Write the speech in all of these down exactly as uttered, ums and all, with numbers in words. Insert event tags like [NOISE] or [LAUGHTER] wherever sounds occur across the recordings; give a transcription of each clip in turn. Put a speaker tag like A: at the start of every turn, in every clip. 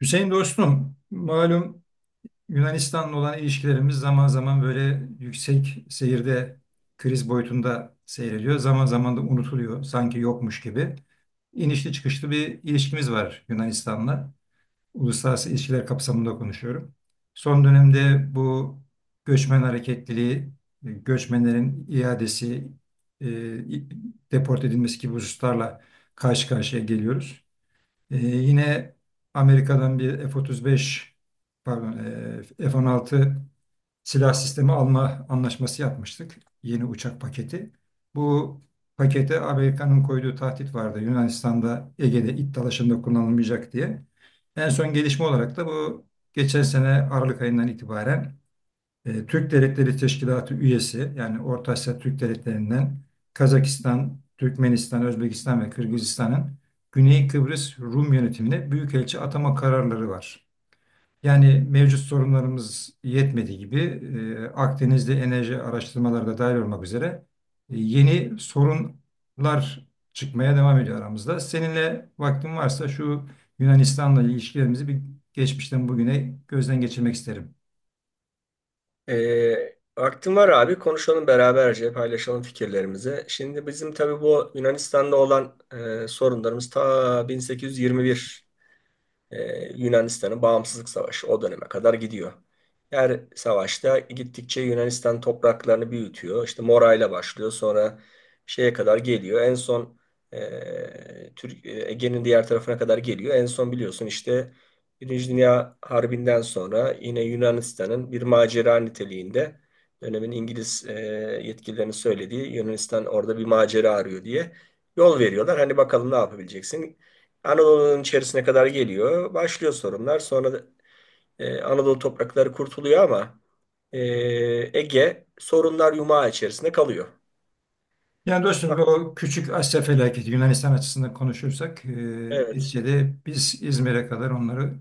A: Hüseyin dostum, malum Yunanistan'la olan ilişkilerimiz zaman zaman böyle yüksek seyirde kriz boyutunda seyrediyor. Zaman zaman da unutuluyor, sanki yokmuş gibi. İnişli çıkışlı bir ilişkimiz var Yunanistan'la. Uluslararası ilişkiler kapsamında konuşuyorum. Son dönemde bu göçmen hareketliliği, göçmenlerin iadesi, e, deport edilmesi gibi hususlarla karşı karşıya geliyoruz. Ee, yine Amerika'dan bir F otuz beş, pardon, e, F on altı silah sistemi alma anlaşması yapmıştık. Yeni uçak paketi. Bu pakete Amerika'nın koyduğu tahdit vardı. Yunanistan'da Ege'de it dalaşında kullanılmayacak diye. En son gelişme olarak da bu geçen sene Aralık ayından itibaren e, Türk Devletleri Teşkilatı üyesi yani Orta Asya Türk Devletleri'nden Kazakistan, Türkmenistan, Özbekistan ve Kırgızistan'ın Güney Kıbrıs Rum yönetimine büyükelçi atama kararları var. Yani mevcut sorunlarımız yetmediği gibi e, Akdeniz'de enerji araştırmaları da dahil olmak üzere e, yeni sorunlar çıkmaya devam ediyor aramızda. Seninle vaktin varsa şu Yunanistan'la ilişkilerimizi bir geçmişten bugüne gözden geçirmek isterim.
B: Ee, vaktim var abi. Konuşalım beraberce, paylaşalım fikirlerimizi. Şimdi bizim tabii bu Yunanistan'da olan e, sorunlarımız ta bin sekiz yüz yirmi bir ee, Yunanistan'ın bağımsızlık savaşı o döneme kadar gidiyor. Her savaşta gittikçe Yunanistan topraklarını büyütüyor. İşte Morayla başlıyor, sonra şeye kadar geliyor. En son e, Türk, e, Ege'nin diğer tarafına kadar geliyor. En son biliyorsun işte Birinci Dünya Harbi'nden sonra yine Yunanistan'ın bir macera niteliğinde, dönemin İngiliz e, yetkililerinin söylediği, Yunanistan orada bir macera arıyor diye yol veriyorlar. Hani bakalım ne yapabileceksin? Anadolu'nun içerisine kadar geliyor. Başlıyor sorunlar. Sonra da e, Anadolu toprakları kurtuluyor ama e, Ege sorunlar yumağı içerisinde kalıyor.
A: Yani
B: Ha,
A: dostum o küçük Asya felaketi Yunanistan açısından konuşursak e,
B: evet,
A: neticede biz İzmir'e kadar onları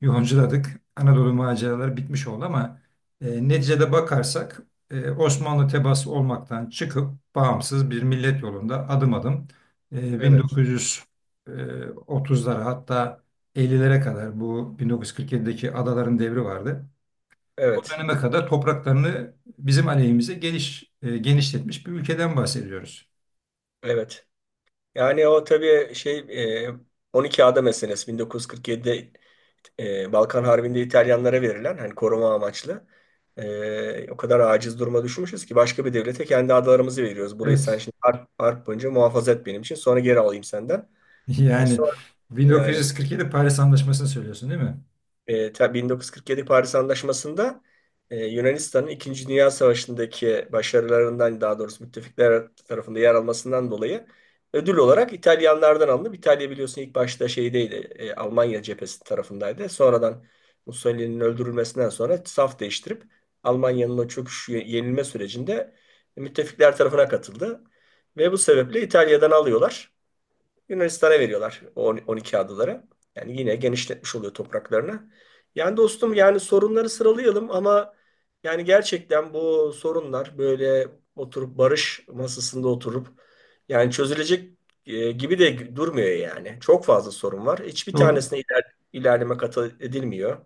A: yoğunculadık. Anadolu maceraları bitmiş oldu ama e, neticede bakarsak e, Osmanlı tebaası olmaktan çıkıp bağımsız bir millet yolunda adım adım e,
B: evet,
A: bin dokuz yüz otuzlara, hatta ellilere kadar, bu bin dokuz yüz kırk yedideki adaların devri vardı. O
B: evet,
A: döneme kadar topraklarını bizim aleyhimize geniş, e, genişletmiş bir ülkeden bahsediyoruz.
B: evet. Yani o tabii şey, e, on iki ada meselesi bin dokuz yüz kırk yedide e, Balkan Harbi'nde İtalyanlara verilen, hani koruma amaçlı, e, o kadar aciz duruma düşmüşüz ki başka bir devlete kendi adalarımızı veriyoruz. Burayı sen
A: Evet.
B: şimdi
A: [LAUGHS]
B: harp, harp boyunca muhafaza et benim için, sonra geri alayım senden. E
A: Yani
B: sonra yani
A: bin dokuz yüz kırk yedi Paris Anlaşması'nı söylüyorsun değil mi?
B: E, ta- bin dokuz yüz kırk yedi Paris Anlaşması'nda e, Yunanistan'ın İkinci Dünya Savaşı'ndaki başarılarından, daha doğrusu müttefikler tarafında yer almasından dolayı ödül olarak İtalyanlardan alınıp, İtalya biliyorsun ilk başta şeydeydi, e, Almanya cephesi tarafındaydı. Sonradan Mussolini'nin öldürülmesinden sonra saf değiştirip Almanya'nın o çöküş ye- yenilme sürecinde müttefikler tarafına katıldı. Ve bu sebeple İtalya'dan alıyorlar. Yunanistan'a veriyorlar o on iki adaları. Yani yine genişletmiş oluyor topraklarını. Yani dostum, yani sorunları sıralayalım ama yani gerçekten bu sorunlar böyle, oturup barış masasında oturup yani çözülecek e, gibi de durmuyor yani. Çok fazla sorun var. Hiçbir
A: Doğru.
B: tanesine iler, ilerleme kat edilmiyor.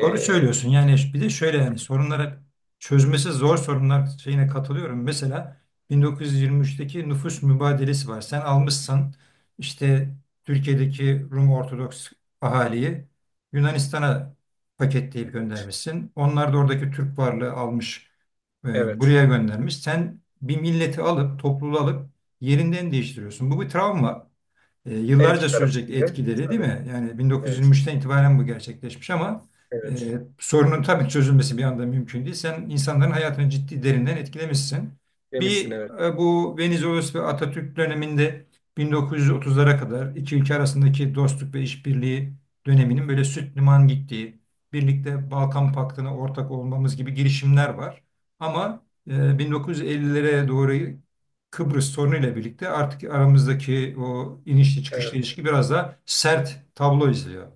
A: Doğru söylüyorsun. Yani bir de şöyle, yani sorunlara, çözmesi zor sorunlar şeyine katılıyorum. Mesela bin dokuz yüz yirmi üçteki nüfus mübadelesi var. Sen almışsın işte Türkiye'deki Rum Ortodoks ahaliyi Yunanistan'a paketleyip göndermişsin. Onlar da oradaki Türk varlığı almış, e,
B: evet.
A: buraya göndermiş. Sen bir milleti alıp topluluğu alıp yerinden değiştiriyorsun. Bu bir travma. E,
B: Her iki
A: yıllarca sürecek
B: tarafında.
A: etkileri değil
B: Tabii.
A: mi? Yani
B: Evet.
A: bin dokuz yüz yirmi üçten itibaren bu gerçekleşmiş ama
B: Evet.
A: e, sorunun tabii çözülmesi bir anda mümkün değil. Sen insanların hayatını ciddi derinden etkilemişsin.
B: Demişsin
A: Bir
B: evet.
A: e, Bu Venizelos ve Atatürk döneminde bin dokuz yüz otuzlara kadar iki ülke arasındaki dostluk ve işbirliği döneminin böyle süt liman gittiği, birlikte Balkan Paktı'na ortak olmamız gibi girişimler var. Ama e, bin dokuz yüz ellilere doğru Kıbrıs sorunuyla birlikte artık aramızdaki o inişli çıkışlı
B: Evet.
A: ilişki biraz daha sert tablo izliyor.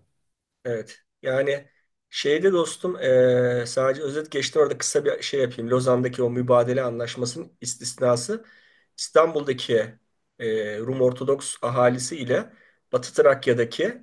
B: Evet. Yani şeyde dostum, eee, sadece özet geçtim orada, kısa bir şey yapayım. Lozan'daki o mübadele anlaşmasının istisnası İstanbul'daki eee, Rum Ortodoks ahalisi ile Batı Trakya'daki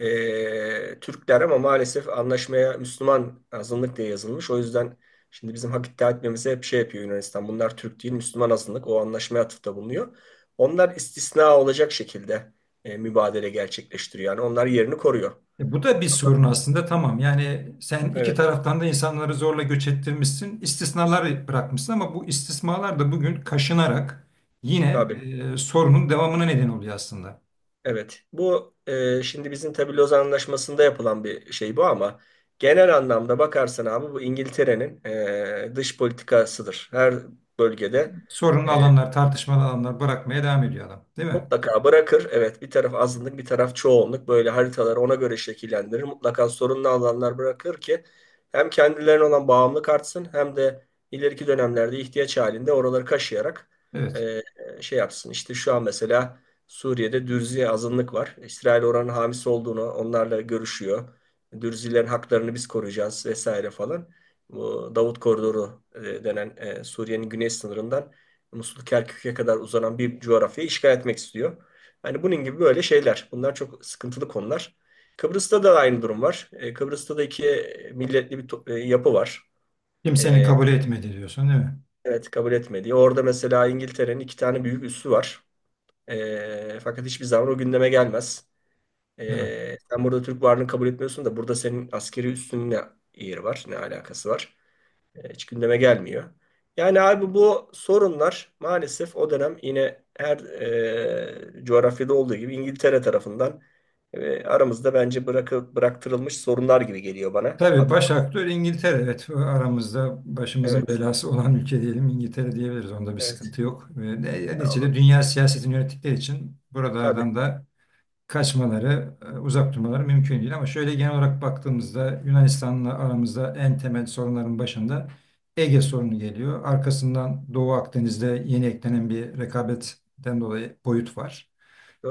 B: eee, Türkler, ama maalesef anlaşmaya Müslüman azınlık diye yazılmış. O yüzden şimdi bizim hak iddia etmemize hep şey yapıyor Yunanistan. Bunlar Türk değil, Müslüman azınlık. O anlaşmaya atıfta bulunuyor. Onlar istisna olacak şekilde eee, mübadele gerçekleştiriyor. Yani onlar yerini koruyor.
A: E bu da bir sorun aslında, tamam. Yani sen iki
B: Evet,
A: taraftan da insanları zorla göç ettirmişsin, istisnalar bırakmışsın, ama bu istisnalar da bugün kaşınarak yine
B: tabii.
A: e, sorunun devamına neden oluyor aslında.
B: Evet. Bu e, şimdi bizim tabii Lozan Anlaşması'nda yapılan bir şey, bu ama genel anlamda bakarsan abi, bu İngiltere'nin e, dış politikasıdır. Her bölgede
A: Sorunlu
B: e,
A: alanlar, tartışmalı alanlar bırakmaya devam ediyor adam, değil mi?
B: Mutlaka bırakır. Evet, bir taraf azınlık, bir taraf çoğunluk. Böyle haritaları ona göre şekillendirir. Mutlaka sorunlu alanlar bırakır ki hem kendilerine olan bağımlılık artsın, hem de ileriki dönemlerde ihtiyaç halinde oraları kaşıyarak
A: Evet.
B: e, şey yapsın. İşte şu an mesela Suriye'de Dürzi azınlık var. İsrail oranın hamisi olduğunu, onlarla görüşüyor. Dürzilerin haklarını biz koruyacağız vesaire falan. Bu Davut Koridoru e, denen, e, Suriye'nin güney sınırından Musul Kerkük'e kadar uzanan bir coğrafyayı işgal etmek istiyor. Yani bunun gibi böyle şeyler. Bunlar çok sıkıntılı konular. Kıbrıs'ta da aynı durum var. E, Kıbrıs'ta da iki milletli bir to- e, yapı var.
A: Kimsenin
B: E,
A: kabul etmedi diyorsun, değil mi?
B: evet kabul etmedi. Orada mesela İngiltere'nin iki tane büyük üssü var. E, fakat hiçbir zaman o gündeme gelmez.
A: Evet.
B: E, sen burada Türk varlığını kabul etmiyorsun da burada senin askeri üssünün ne yeri var, ne alakası var? E, Hiç gündeme gelmiyor. Yani abi bu sorunlar maalesef, o dönem yine her e, coğrafyada olduğu gibi İngiltere tarafından e, aramızda bence bırakı, bıraktırılmış sorunlar gibi geliyor bana.
A: Tabii
B: Adı
A: baş
B: tam.
A: aktör İngiltere. Evet, aramızda başımızın
B: Evet,
A: belası olan ülke diyelim, İngiltere diyebiliriz. Onda bir
B: evet.
A: sıkıntı yok. Ve ne-
B: Ya, o-
A: Neticede dünya siyasetini yönettikleri için
B: tabii,
A: buralardan da kaçmaları, e, uzak durmaları mümkün değil. Ama şöyle genel olarak baktığımızda Yunanistan'la aramızda en temel sorunların başında Ege sorunu geliyor. Arkasından Doğu Akdeniz'de yeni eklenen bir rekabetten dolayı boyut var.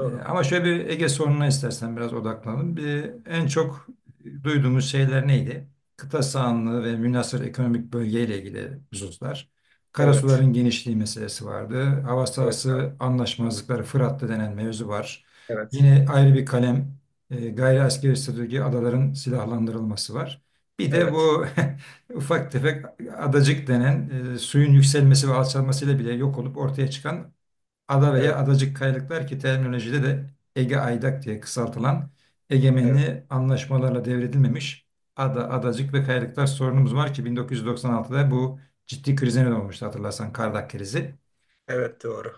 A: Ee, Ama şöyle bir Ege sorununa istersen biraz odaklanalım. Bir, en çok duyduğumuz şeyler neydi? Kıta sahanlığı ve münhasır ekonomik bölgeyle ilgili hususlar.
B: Evet,
A: Karasuların genişliği meselesi vardı. Hava
B: evet abi.
A: sahası anlaşmazlıkları Fırat'ta denen mevzu var.
B: Evet,
A: Yine ayrı bir kalem e, gayri askeri statüdeki adaların silahlandırılması var. Bir de
B: evet,
A: bu [LAUGHS] ufak tefek adacık denen, e, suyun yükselmesi ve alçalmasıyla bile yok olup ortaya çıkan Ada veya
B: evet,
A: Adacık Kayalıklar, ki terminolojide de Ege Aydak diye kısaltılan,
B: evet,
A: egemenliği anlaşmalarla devredilmemiş ada, adacık ve kayalıklar sorunumuz var ki bin dokuz yüz doksan altıda bu ciddi krize neden olmuştu, hatırlarsan Kardak krizi.
B: evet, doğru.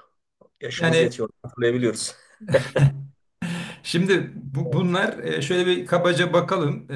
B: Yaşımız
A: Yani
B: yetiyor, hatırlayabiliyoruz.
A: şimdi bu, bunlar, e, şöyle bir kabaca bakalım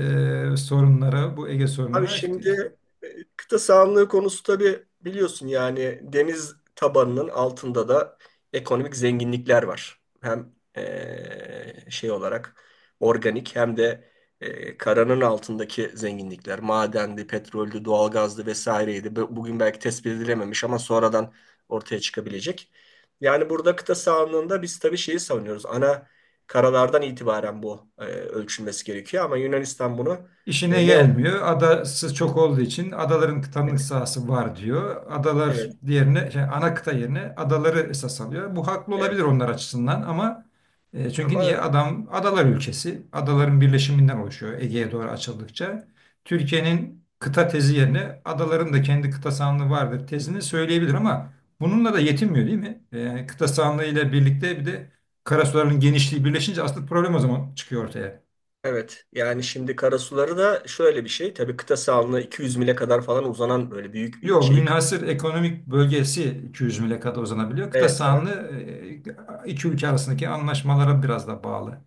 A: e, sorunlara, bu Ege
B: Abi
A: sorununa.
B: şimdi e, kıta sahanlığı konusu, tabii biliyorsun yani deniz tabanının altında da ekonomik zenginlikler var. Hem e, şey olarak organik, hem de e, karanın altındaki zenginlikler. Madendi, petroldü, doğalgazdı vesaireydi. Bu- Bugün belki tespit edilememiş ama sonradan ortaya çıkabilecek. Yani burada kıta sahanlığında biz tabii şeyi savunuyoruz. Ana karalardan itibaren bu e, ölçülmesi gerekiyor ama Yunanistan bunu
A: İşine
B: e, ne.
A: gelmiyor. Adası çok olduğu için adaların tanınık sahası var diyor. Adalar
B: Evet,
A: diğerine, şey, ana kıta yerine adaları esas alıyor. Bu haklı olabilir
B: evet.
A: onlar açısından ama e, çünkü
B: Ama
A: niye? Adam adalar ülkesi. Adaların birleşiminden oluşuyor Ege'ye doğru açıldıkça. Türkiye'nin kıta tezi yerine adaların da kendi kıta sahanlığı vardır tezini söyleyebilir ama bununla da yetinmiyor değil mi? E, kıta sahanlığı ile birlikte bir de karasuların genişliği birleşince asıl problem o zaman çıkıyor ortaya.
B: evet, yani şimdi karasuları da şöyle bir şey. Tabii kıta sahanlığı iki yüz mile kadar falan uzanan böyle büyük bir
A: Yok,
B: şeyi kap-
A: münhasır ekonomik bölgesi iki yüz mile kadar uzanabiliyor. Kıta
B: Evet, evet.
A: sahanlığı e, iki ülke arasındaki anlaşmalara biraz da bağlı.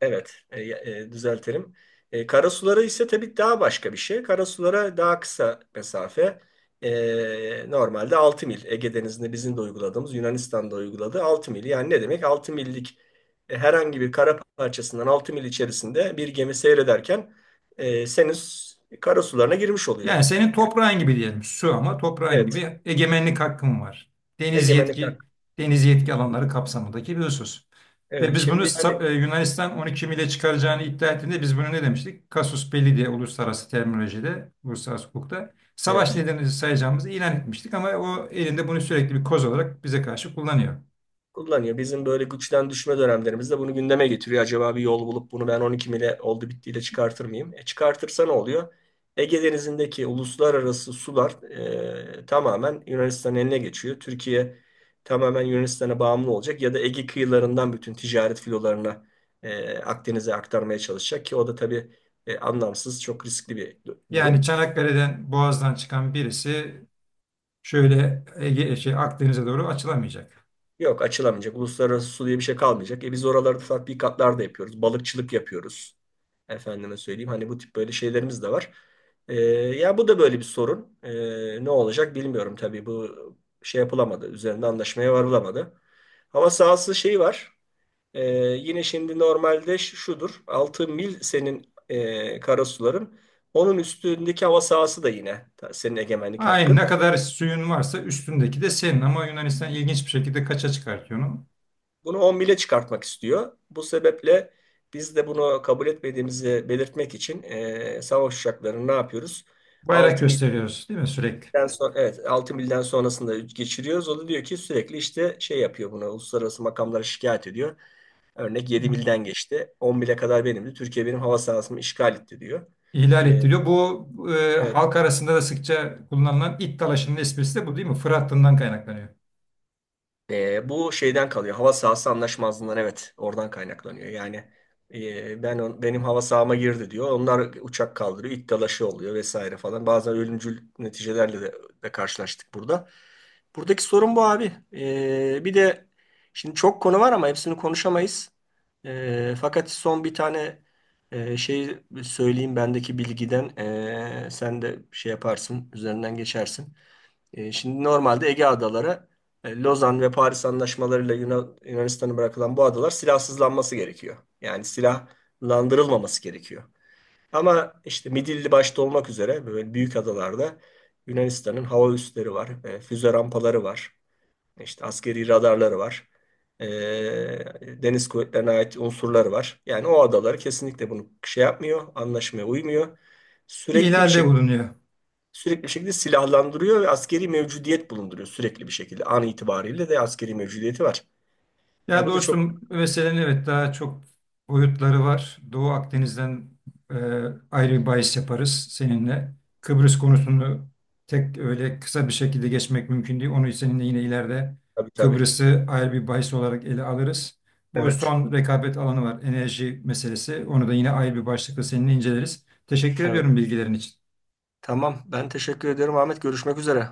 B: Evet, e, e, düzeltelim. E, karasuları ise tabii daha başka bir şey. Karasulara daha kısa mesafe. E, normalde altı mil. Ege Denizi'nde bizim de uyguladığımız, Yunanistan'da uyguladığı altı mil. Yani ne demek? Altı millik e, herhangi bir kara parçasından altı mil içerisinde bir gemi seyrederken e, senin s- karasularına girmiş oluyor.
A: Yani senin
B: Yani
A: toprağın gibi diyelim su, ama toprağın
B: evet,
A: gibi egemenlik hakkın var. Deniz
B: egemenlik
A: yetki
B: hakkı.
A: Deniz yetki alanları kapsamındaki bir husus. Ve
B: Evet
A: biz bunu
B: şimdi yani,
A: sa- e, Yunanistan on iki mile çıkaracağını iddia ettiğinde biz bunu ne demiştik? Kasus belli diye uluslararası terminolojide, uluslararası hukukta savaş
B: evet
A: nedeni sayacağımızı ilan etmiştik, ama o elinde bunu sürekli bir koz olarak bize karşı kullanıyor.
B: kullanıyor. Bizim böyle güçten düşme dönemlerimizde bunu gündeme getiriyor. Acaba bir yol bulup bunu ben on iki mile oldu bittiyle çıkartır mıyım? E çıkartırsa ne oluyor? Ege Denizi'ndeki uluslararası sular e, tamamen Yunanistan'ın eline geçiyor. Türkiye tamamen Yunanistan'a bağımlı olacak, ya da Ege kıyılarından bütün ticaret filolarını e, Akdeniz'e aktarmaya çalışacak ki o da tabii e, anlamsız, çok riskli bir du-
A: Yani
B: durum.
A: Çanakkale'den Boğaz'dan çıkan birisi şöyle Ege, şey, Akdeniz'e doğru açılamayacak.
B: Yok, açılamayacak. Uluslararası su diye bir şey kalmayacak. E biz oralarda tatbikatlar da yapıyoruz. Balıkçılık yapıyoruz. Efendime söyleyeyim, hani bu tip böyle şeylerimiz de var. E, ya, bu da böyle bir sorun. E, ne olacak bilmiyorum tabii. Bu şey yapılamadı, üzerinde anlaşmaya varılamadı. Hava sahası şeyi var. E, yine şimdi normalde ş- şudur. Altı mil senin e, karasuların. Onun üstündeki hava sahası da yine ta- senin egemenlik
A: Aynı, ne
B: hakkın.
A: kadar suyun varsa üstündeki de senin, ama Yunanistan ilginç bir şekilde kaça çıkartıyor onu.
B: Bunu on bile çıkartmak istiyor. Bu sebeple biz de bunu kabul etmediğimizi belirtmek için eee savaş uçaklarını ne yapıyoruz?
A: Bayrak
B: altı milden
A: gösteriyoruz değil mi sürekli?
B: sonra, evet, altı milden sonrasında geçiriyoruz. O da diyor ki sürekli işte şey yapıyor bunu. Uluslararası makamlara şikayet ediyor. Örnek: yedi milden geçti, on mile kadar benimdi, Türkiye benim hava sahasımı işgal etti diyor.
A: İhlal
B: Eee,
A: ettiriyor. Bu e,
B: evet.
A: halk arasında da sıkça kullanılan it dalaşının esprisi de bu değil mi? Fırat Dını'ndan kaynaklanıyor.
B: E, bu şeyden kalıyor, hava sahası anlaşmazlığından, evet, oradan kaynaklanıyor. Yani e, ben on- benim hava sahama girdi diyor. Onlar uçak kaldırıyor. İt dalaşı oluyor vesaire falan. Bazen ölümcül neticelerle de, de karşılaştık burada. Buradaki sorun bu abi. E, bir de şimdi çok konu var ama hepsini konuşamayız. E, fakat son bir tane e, şey söyleyeyim bendeki bilgiden. E, sen de şey yaparsın, üzerinden geçersin. E, şimdi normalde Ege Adaları e, Lozan ve Paris anlaşmalarıyla Yunan- Yunanistan'a bırakılan bu adalar, silahsızlanması gerekiyor. Yani silahlandırılmaması gerekiyor. Ama işte Midilli başta olmak üzere böyle büyük adalarda Yunanistan'ın hava üsleri var, e, füze rampaları var, işte askeri radarları var, e, deniz kuvvetlerine ait unsurları var. Yani o adalar kesinlikle bunu şey yapmıyor, anlaşmaya uymuyor. Sürekli bir
A: İhlalde bulunuyor.
B: Sürekli şekilde silahlandırıyor ve askeri mevcudiyet bulunduruyor sürekli bir şekilde. An itibariyle de askeri mevcudiyeti var. Ya
A: Ya
B: bu da çok,
A: dostum, meselenin evet daha çok boyutları var. Doğu Akdeniz'den e, ayrı bir bahis yaparız seninle. Kıbrıs konusunu tek öyle kısa bir şekilde geçmek mümkün değil. Onu seninle yine ileride,
B: tabii tabii.
A: Kıbrıs'ı ayrı bir bahis olarak ele alırız. Bu
B: Evet,
A: son rekabet alanı var, enerji meselesi. Onu da yine ayrı bir başlıkla seninle inceleriz. Teşekkür
B: evet.
A: ediyorum bilgilerin için.
B: Tamam. Ben teşekkür ediyorum Ahmet. Görüşmek üzere.